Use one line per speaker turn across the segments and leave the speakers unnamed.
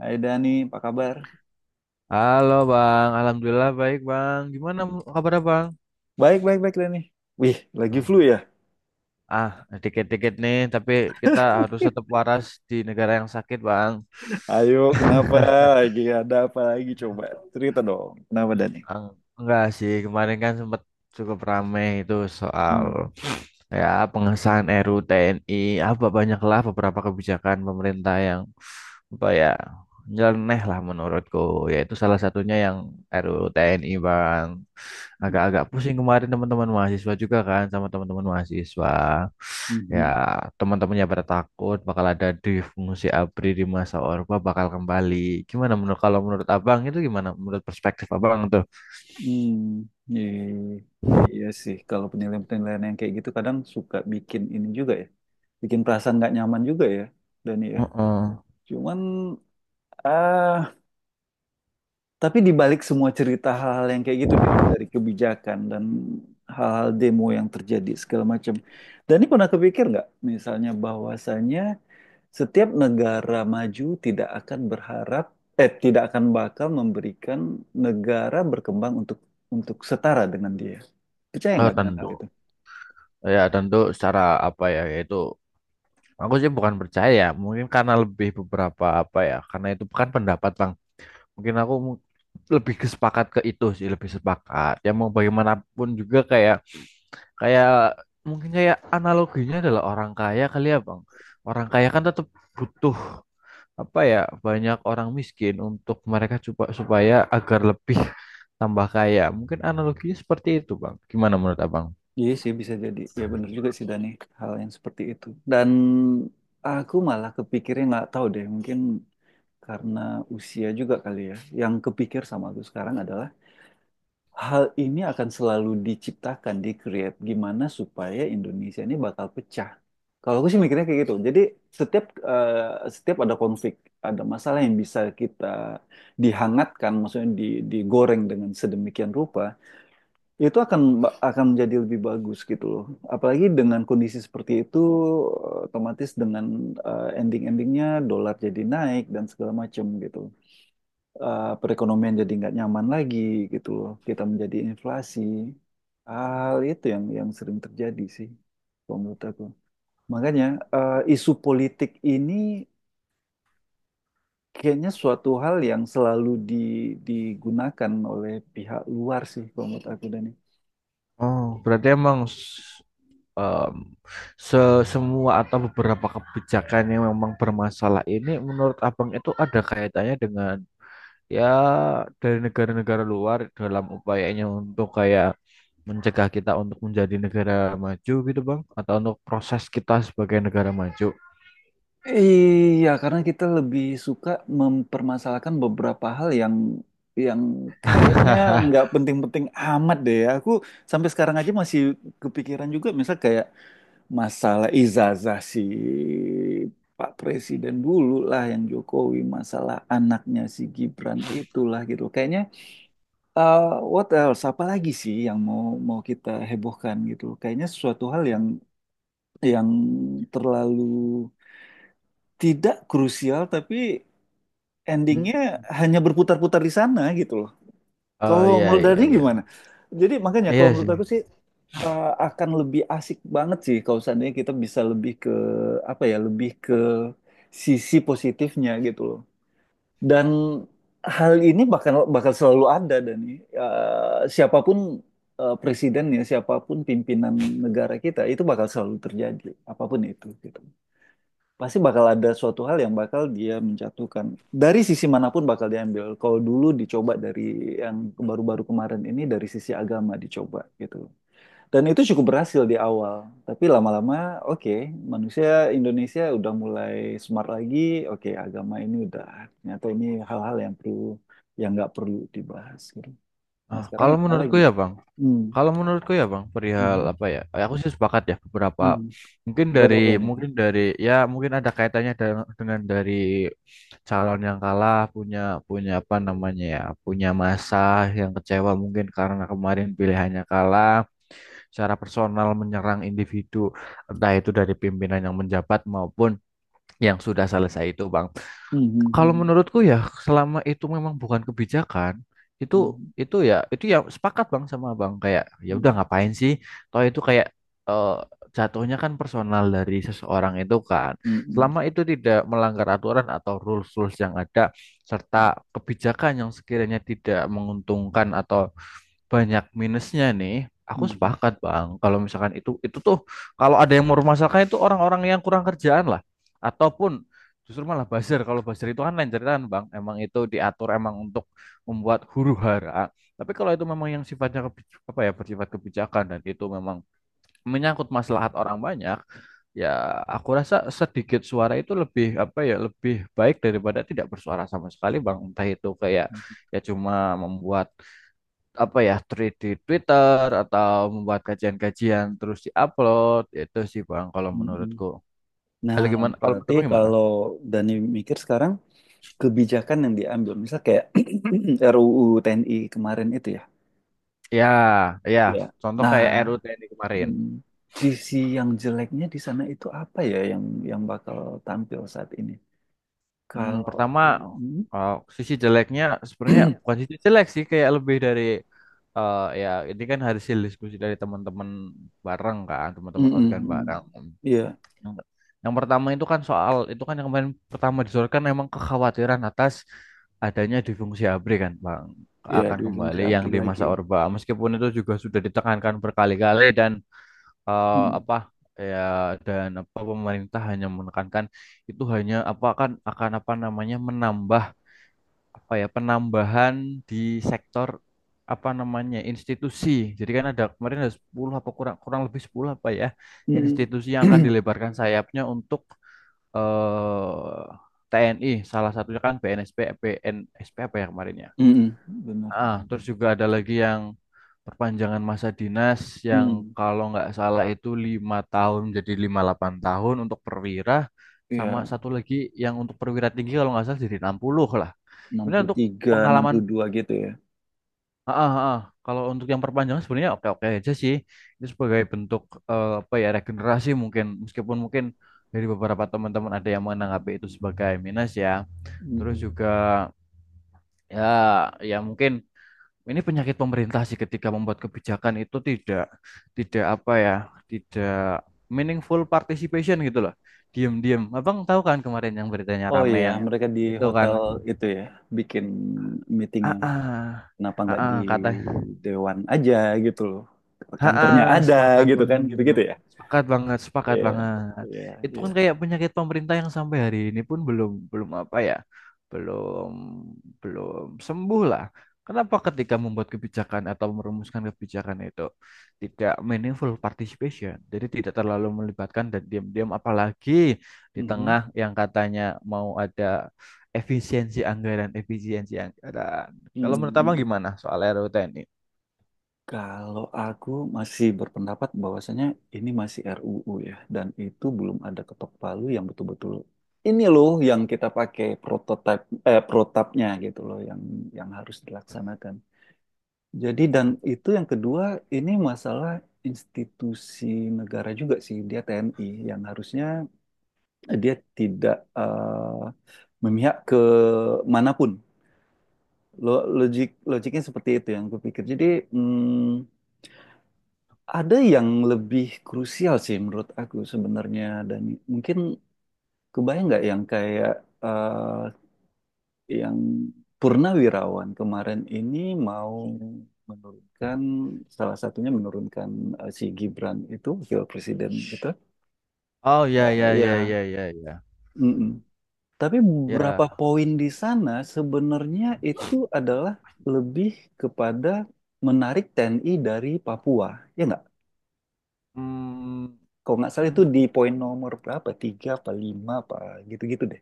Hai Dani, apa kabar?
Halo Bang, Alhamdulillah baik Bang. Gimana kabarnya Bang?
Baik, baik, baik Dani. Wih, lagi flu
Ah,
ya?
ah, dikit-dikit nih, tapi kita harus tetap waras di negara yang sakit Bang.
Ayo, kenapa lagi? Ada apa lagi? Coba cerita dong. Kenapa Dani?
Enggak sih, kemarin kan sempat cukup ramai itu soal
Hmm.
ya pengesahan RUU TNI, apa banyaklah beberapa kebijakan pemerintah yang apa ya nyeleneh lah menurutku, yaitu salah satunya yang RUU TNI bang. Agak-agak pusing kemarin teman-teman mahasiswa juga kan sama teman-teman mahasiswa. Ya
Mhm.
teman-temannya pada takut bakal ada di fungsi ABRI di masa Orba bakal kembali. Gimana menurut kalau menurut abang itu gimana menurut perspektif abang tuh?
Hmm. Iya, iya, iya sih. Kalau penilaian-penilaian yang kayak gitu kadang suka bikin ini juga ya. Bikin perasaan nggak nyaman juga ya, Dani ya.
Heeh.
Cuman, ah, Tapi di balik semua cerita hal-hal yang kayak gitu deh, dari kebijakan dan hal-hal demo yang terjadi segala macam. Dan ini pernah kepikir nggak, misalnya bahwasannya setiap negara maju tidak akan berharap, tidak akan bakal memberikan negara berkembang untuk setara dengan dia. Percaya
Oh,
nggak dengan hal
tentu.
itu?
Ya, tentu secara apa ya, yaitu aku sih bukan percaya, ya. Mungkin karena lebih beberapa apa ya, karena itu bukan pendapat, Bang. Mungkin aku lebih kesepakat ke itu sih, lebih sepakat. Ya mau bagaimanapun juga kayak kayak mungkin kayak analoginya adalah orang kaya kali ya, Bang. Orang kaya kan tetap butuh apa ya, banyak orang miskin untuk mereka coba supaya agar lebih tambah kaya. Mungkin analoginya seperti itu, Bang. Gimana menurut Abang?
Iya sih bisa jadi. Ya benar juga sih Dani, hal yang seperti itu. Dan aku malah kepikirnya nggak tahu deh, mungkin karena usia juga kali ya. Yang kepikir sama aku sekarang adalah hal ini akan selalu diciptakan, di create gimana supaya Indonesia ini bakal pecah. Kalau aku sih mikirnya kayak gitu. Jadi setiap setiap ada konflik, ada masalah yang bisa kita dihangatkan, maksudnya digoreng dengan sedemikian rupa, itu akan menjadi lebih bagus gitu loh. Apalagi dengan kondisi seperti itu, otomatis dengan ending-endingnya dolar jadi naik dan segala macam gitu perekonomian jadi nggak nyaman lagi gitu loh. Kita menjadi inflasi. Hal itu yang sering terjadi sih, kalau menurut aku. Makanya isu politik ini kayaknya suatu hal yang selalu digunakan oleh pihak luar sih, kalau menurut aku Dani.
Oh, berarti emang s- em, se semua atau beberapa kebijakan yang memang bermasalah ini menurut Abang itu ada kaitannya dengan ya dari negara-negara luar dalam upayanya untuk kayak mencegah kita untuk menjadi negara maju gitu Bang atau untuk proses kita sebagai negara maju.
Iya, karena kita lebih suka mempermasalahkan beberapa hal yang kayaknya nggak penting-penting amat deh. Aku sampai sekarang aja masih kepikiran juga, misal kayak masalah ijazah si Pak Presiden dulu lah yang Jokowi, masalah anaknya si Gibran itulah gitu. Kayaknya eh, what else? Apa lagi sih yang mau mau kita hebohkan gitu? Kayaknya sesuatu hal yang terlalu tidak krusial tapi
Hmm.
endingnya hanya berputar-putar di sana gitu loh.
Oh
Kalau
iya
menurut
iya
Dani
iya.
gimana? Jadi makanya kalau
Iya
menurut
sih.
aku sih akan lebih asik banget sih kalau seandainya kita bisa lebih ke apa ya lebih ke sisi positifnya gitu loh dan hal ini bakal bakal selalu ada dan siapapun presiden ya siapapun pimpinan negara kita itu bakal selalu terjadi apapun itu gitu pasti bakal ada suatu hal yang bakal dia menjatuhkan dari sisi manapun bakal diambil kalau dulu dicoba dari yang baru-baru kemarin ini dari sisi agama dicoba gitu dan itu cukup berhasil di awal, tapi lama-lama oke, manusia Indonesia udah mulai smart lagi, oke agama ini udah ternyata ini hal-hal yang nggak perlu dibahas gitu. Nah
Ah,
sekarang
kalau
nggak ada
menurutku
lagi.
ya Bang,
Hmm.
kalau menurutku ya Bang, perihal
Mhm,
apa ya? Aku sih sepakat ya beberapa
hmm.
mungkin dari
Berapa poin ya?
mungkin dari ya mungkin ada kaitannya dengan dari calon yang kalah punya punya apa namanya ya, punya masa yang kecewa mungkin karena kemarin pilihannya kalah, secara personal menyerang individu entah itu dari pimpinan yang menjabat maupun yang sudah selesai itu Bang.
Hmm,
Kalau
hmm,
menurutku ya selama itu memang bukan kebijakan itu
hmm,
ya itu ya sepakat bang sama bang kayak ya udah
hmm,
ngapain sih toh itu kayak eh, jatuhnya kan personal dari seseorang itu kan
hmm, hmm, hmm,
selama itu tidak melanggar aturan atau rules rules yang ada serta kebijakan yang sekiranya tidak menguntungkan atau banyak minusnya nih. Aku
hmm,
sepakat, Bang. Kalau misalkan itu tuh kalau ada yang mempermasalahkan itu orang-orang yang kurang kerjaan lah ataupun justru malah buzzer. Kalau buzzer itu kan lain ceritaan, Bang. Emang itu diatur emang untuk membuat huru-hara. Tapi kalau itu memang yang sifatnya apa ya bersifat kebijakan dan itu memang menyangkut maslahat orang banyak, ya aku rasa sedikit suara itu lebih apa ya lebih baik daripada tidak bersuara sama sekali, Bang. Entah itu kayak
hmm,
ya cuma membuat apa ya tweet di Twitter atau membuat kajian-kajian terus diupload itu sih Bang kalau
hmm, hmm.
menurutku.
Nah,
Kalau gimana? Kalau menurut
berarti
Abang gimana?
kalau Dani mikir sekarang kebijakan yang diambil, misal kayak RUU TNI kemarin itu ya.
Ya, ya.
Ya.
Contoh
Nah,
kayak RUU TNI kemarin.
hmm. Sisi yang jeleknya di sana itu apa ya yang bakal tampil saat ini?
Hmm,
Kalau
pertama
aku, hmm?
uh, sisi jeleknya sebenarnya bukan sisi jelek sih kayak lebih dari ya ini kan hasil diskusi dari teman-teman bareng kan,
Mm,
teman-teman
mm,
organ bareng.
mm. Iya,
Yang, yang pertama itu kan soal itu kan yang kemarin pertama disodorkan memang kekhawatiran atas adanya difungsi ABRI kan Bang
iya
akan
Dwi Fungsi
kembali yang
ABRI
di
lagi.
masa Orba meskipun itu juga sudah ditekankan berkali-kali dan
Mm,
apa ya dan apa pemerintah hanya menekankan itu hanya apa akan apa namanya menambah apa ya penambahan di sektor apa namanya institusi. Jadi kan ada kemarin ada 10 apa kurang kurang lebih 10 apa ya
mm.
institusi yang akan dilebarkan sayapnya untuk eh TNI salah satunya kan PNSP PNSP apa ya kemarin ya
Mm, mm. Benar,
terus
benar.
juga ada lagi yang perpanjangan masa dinas yang
Mm,
kalau nggak salah itu 5 tahun jadi 58 tahun untuk perwira sama
iya,
satu lagi yang untuk perwira tinggi kalau nggak salah jadi 60 lah sebenarnya untuk
63,
pengalaman
62 gitu ya.
heeh. Kalau untuk yang perpanjangan sebenarnya oke-oke aja sih. Itu sebagai bentuk apa ya regenerasi mungkin meskipun mungkin dari beberapa teman-teman ada yang menanggapi itu sebagai minus ya. Terus
Mhm.
juga ya ya mungkin ini penyakit pemerintah sih ketika membuat kebijakan itu tidak tidak apa ya, tidak meaningful participation gitu loh. Diam-diam. Abang tahu kan kemarin yang beritanya
Oh
rame
iya,
yang
mereka di
itu kan.
hotel itu ya, bikin meetingnya.
Ah, ah,
Kenapa nggak di
kata
Dewan aja gitu loh? Kantornya
Ha,
ada
sepakat
gitu kan,
banget.
gitu-gitu ya?
Sepakat banget, sepakat
Iya,
banget.
iya,
Itu
iya.
kan kayak penyakit pemerintah yang sampai hari ini pun belum belum apa ya? Belum belum sembuh lah. Kenapa ketika membuat kebijakan atau merumuskan kebijakan itu tidak meaningful participation, jadi tidak terlalu melibatkan dan diam-diam apalagi di
Mhm,
tengah yang katanya mau ada efisiensi anggaran, efisiensi anggaran. Kalau
mhm,
menurut Abang
mhm.
gimana soal RUU ini?
Kalau aku masih berpendapat bahwasanya ini masih RUU ya, dan itu belum ada ketok palu yang betul-betul ini loh yang kita pakai prototipe protapnya gitu loh yang harus dilaksanakan. Jadi dan itu yang kedua ini masalah institusi negara juga sih dia TNI yang harusnya dia tidak memihak ke manapun logiknya seperti itu yang gue pikir. Jadi mm, ada yang lebih krusial sih menurut aku sebenarnya dan mungkin kebayang nggak yang kayak eh, yang Purnawirawan kemarin ini mau menurunkan salah satunya menurunkan si Gibran itu wakil presiden gitu.
Oh ya ya ya
Ya,
ya ya ya.
mm-mm. Tapi beberapa
Ya,
poin di sana sebenarnya itu adalah lebih kepada menarik TNI dari Papua, ya nggak?
mm,
Kalau nggak salah itu
untuk
di poin nomor berapa? Tiga apa lima apa gitu-gitu deh,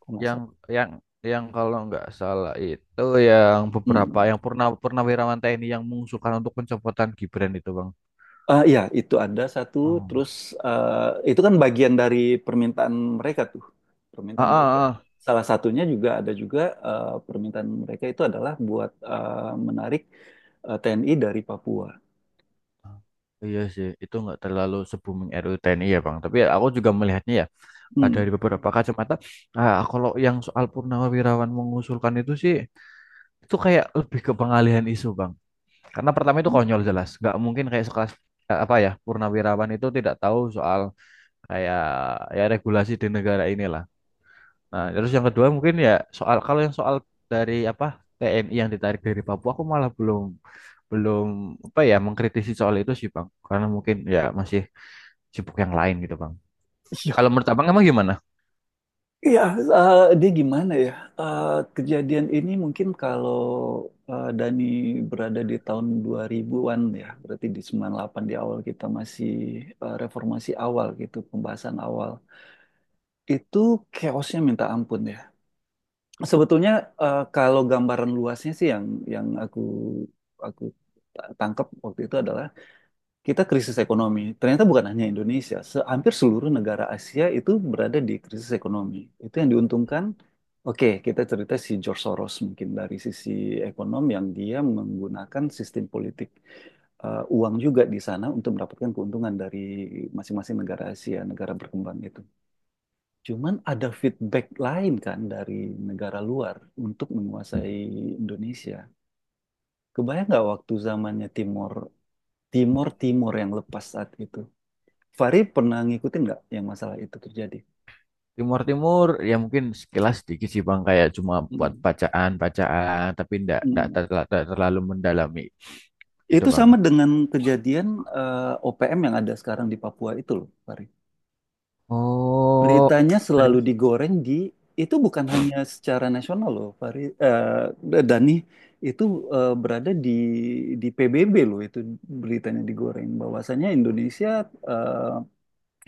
kalau nggak
yang
salah.
yang kalau nggak salah itu yang beberapa
Hmm.
yang purnawirawan TNI yang mengusulkan untuk pencopotan Gibran itu, Bang.
Ya itu ada satu.
Oh.
Terus eh, itu kan bagian dari permintaan mereka tuh,
Ah,
permintaan mereka.
ah,
Salah satunya juga ada juga permintaan mereka itu adalah buat menarik TNI dari Papua.
ah. Iya sih, itu nggak terlalu se-booming RUU TNI ya Bang. Tapi ya aku juga melihatnya ya, ada
Hmm.
dari beberapa kacamata, kalau yang soal purnawirawan mengusulkan itu sih, itu kayak lebih ke pengalihan isu Bang. Karena pertama itu konyol jelas, nggak mungkin kayak sekelas apa ya purnawirawan itu tidak tahu soal kayak ya regulasi di negara inilah. Nah, terus yang kedua mungkin ya soal kalau yang soal dari apa TNI yang ditarik dari Papua aku malah belum belum apa ya mengkritisi soal itu sih Bang. Karena mungkin ya masih sibuk yang lain gitu Bang. Kalau menurut Abang emang gimana?
Iya, dia gimana ya? Eh, Kejadian ini mungkin kalau Dani berada di tahun 2000-an ya, berarti di sembilan delapan di awal kita masih reformasi awal gitu, pembahasan awal. Itu chaosnya minta ampun ya. Sebetulnya kalau gambaran luasnya sih yang aku tangkap waktu itu adalah kita krisis ekonomi. Ternyata bukan hanya Indonesia, hampir seluruh negara Asia itu berada di krisis ekonomi. Itu yang diuntungkan. Oke, kita cerita si George Soros mungkin dari sisi ekonom yang dia menggunakan sistem politik uang juga di sana untuk mendapatkan keuntungan dari masing-masing negara Asia, negara berkembang itu. Cuman ada feedback lain kan dari negara luar untuk menguasai Indonesia. Kebayang nggak waktu zamannya Timor Timor yang lepas saat itu Fahri pernah ngikutin nggak yang masalah itu terjadi?
Timur Timur ya mungkin sekilas sedikit sih Bang kayak cuma buat
Mm.
bacaan-bacaan tapi ndak ndak
Mm.
terla- ndak terlalu mendalami gitu
Itu
Bang.
sama dengan kejadian OPM yang ada sekarang di Papua itu loh, Fahri.
Oh,
Beritanya selalu
serius
digoreng. Itu bukan hanya secara nasional loh, Fahri. Dani itu berada di PBB loh itu beritanya digoreng. Bahwasanya Indonesia eh,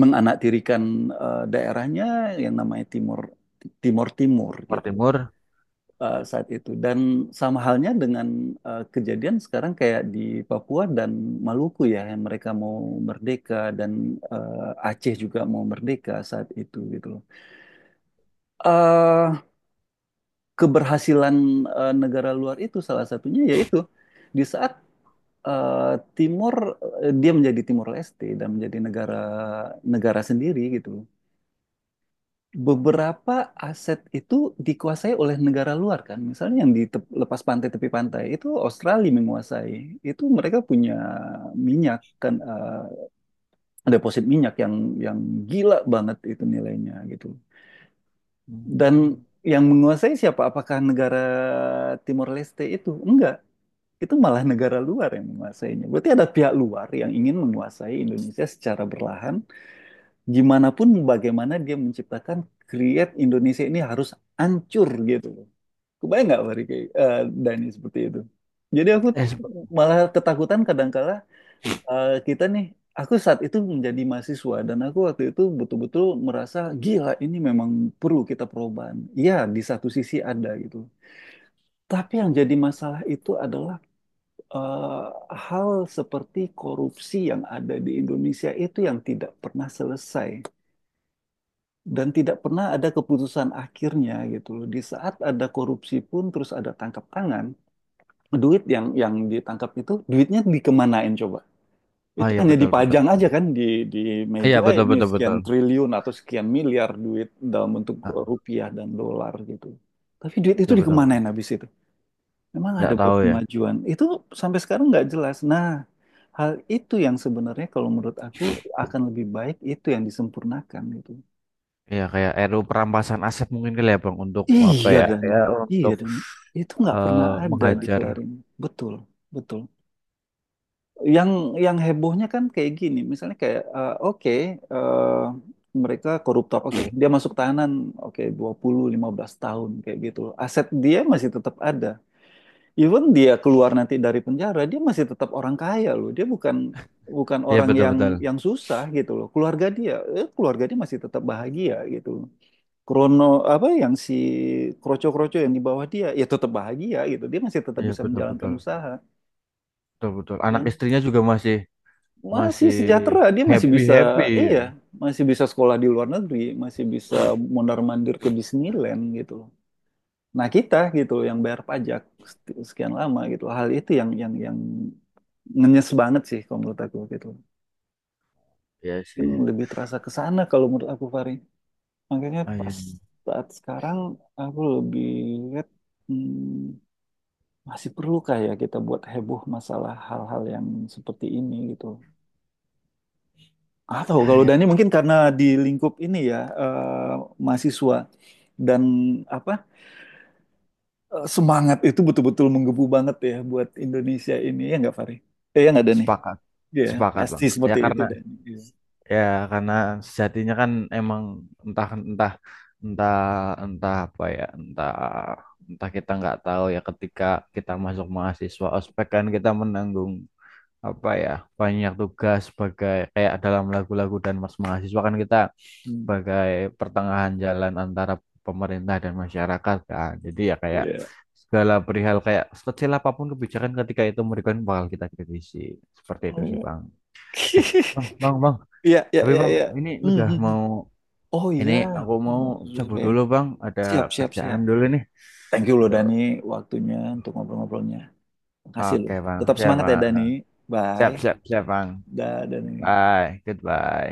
menganaktirikan daerahnya yang namanya Timur Timur Timur
Timur
gitu.
Timur.
Saat itu. Dan sama halnya dengan kejadian sekarang kayak di Papua dan Maluku ya, yang mereka mau merdeka dan Aceh juga mau merdeka saat itu gitu loh. Eh, Keberhasilan negara luar itu salah satunya yaitu di saat eh, Timur dia menjadi Timor Leste dan menjadi negara negara sendiri gitu. Beberapa aset itu dikuasai oleh negara luar kan. Misalnya yang di lepas pantai tepi pantai itu Australia menguasai. Itu mereka punya minyak kan deposit minyak yang gila banget itu nilainya gitu. Dan
Hmm.
yang menguasai siapa? Apakah negara Timor Leste itu? Enggak. Itu malah negara luar yang menguasainya. Berarti ada pihak luar yang ingin menguasai Indonesia secara berlahan gimana pun bagaimana dia menciptakan create Indonesia ini harus hancur gitu loh. Kebayang nggak Fahri kayak Dani seperti itu? Jadi aku
Eh, sebe-
malah ketakutan kadangkala kita nih. Aku saat itu menjadi mahasiswa dan aku waktu itu betul-betul merasa gila ini memang perlu kita perubahan. Iya, di satu sisi ada gitu. Tapi yang jadi masalah itu adalah eh, hal seperti korupsi yang ada di Indonesia itu yang tidak pernah selesai. Dan tidak pernah ada keputusan akhirnya gitu loh. Di saat ada korupsi pun terus ada tangkap tangan, duit yang ditangkap itu duitnya dikemanain coba?
oh
Itu
iya
hanya
betul betul.
dipajang aja kan di
Iya
meja
betul
ini
betul
sekian
betul.
triliun atau sekian miliar duit dalam bentuk
Ah,
rupiah dan dolar gitu. Tapi duit itu
Iya betul betul.
dikemanain habis itu? Memang
Nggak
ada buat
tahu ya.
kemajuan. Itu sampai sekarang nggak jelas. Nah, hal itu yang sebenarnya kalau menurut aku akan lebih baik itu yang disempurnakan gitu.
Iya kayak RU perampasan aset mungkin kali ya bang untuk
Iya
apa
Ya,
ya?
Dani,
Ya
iya
untuk
Dani. Itu nggak pernah
eh,
ada
menghajar.
dikelarin. Betul, betul. Yang yang hebohnya kan kayak gini, misalnya kayak oke eh, mereka koruptor, oke dia masuk tahanan, oke dua puluh lima belas tahun kayak gitu. Aset dia masih tetap ada. Even dia keluar nanti dari penjara, dia masih tetap orang kaya loh. Dia bukan bukan
Iya
orang
betul
yang
betul.
yang susah gitu loh. Keluarga dia masih tetap bahagia gitu. Krono apa yang si kroco-kroco yang di bawah dia ya tetap bahagia gitu dia masih tetap
Iya
bisa
betul
menjalankan
betul.
usaha
Betul betul. Anak
yang
istrinya juga masih
masih
masih
sejahtera dia
happy happy.
iya masih bisa sekolah di luar negeri masih bisa mondar-mandir ke Disneyland gitu loh nah kita gitu loh yang bayar pajak sekian lama gitu hal itu yang yang ngenyes banget sih kalau menurut aku gitu
Iya sih.
mungkin lebih terasa ke sana kalau menurut aku Fari makanya
Iya.
pas saat sekarang aku lebih lihat hmm, masih perlukah ya kita buat heboh masalah hal-hal yang seperti ini gitu? Atau kalau
Ya
Dani mungkin karena di lingkup ini ya mahasiswa dan apa semangat itu betul-betul menggebu banget ya buat Indonesia ini ya nggak Fari? Ya nggak Dani?
sepakat,
Iya
sepakat
pasti
bang. Ya
seperti itu
karena
Dani. Iya.
ya karena sejatinya kan emang entah entah entah entah apa ya entah entah kita nggak tahu ya ketika kita masuk mahasiswa ospek kan kita menanggung apa ya banyak tugas sebagai kayak dalam lagu-lagu dan mas mahasiswa kan kita
Hmm.
sebagai pertengahan jalan antara pemerintah dan masyarakat kan jadi ya kayak
Iya.
segala perihal kayak sekecil apapun kebijakan ketika itu mereka bakal kita kritisi seperti itu sih bang bang bang bang
Iya iya
tapi
iya.
bang
Iya.
ini
Hmm,
udah
hmm, hmm.
mau
Oh
ini
iya,
aku mau
mau zuhur
cabut
ya.
dulu bang ada
Siap siap siap.
kerjaan dulu nih
Thank you loh
aduh
Dani waktunya untuk ngobrol-ngobrolnya. Makasih lu.
oke
Tetap semangat ya
bang
Dani.
siap
Bye.
siap siap bang
Da Dani.
bye
Bye.
goodbye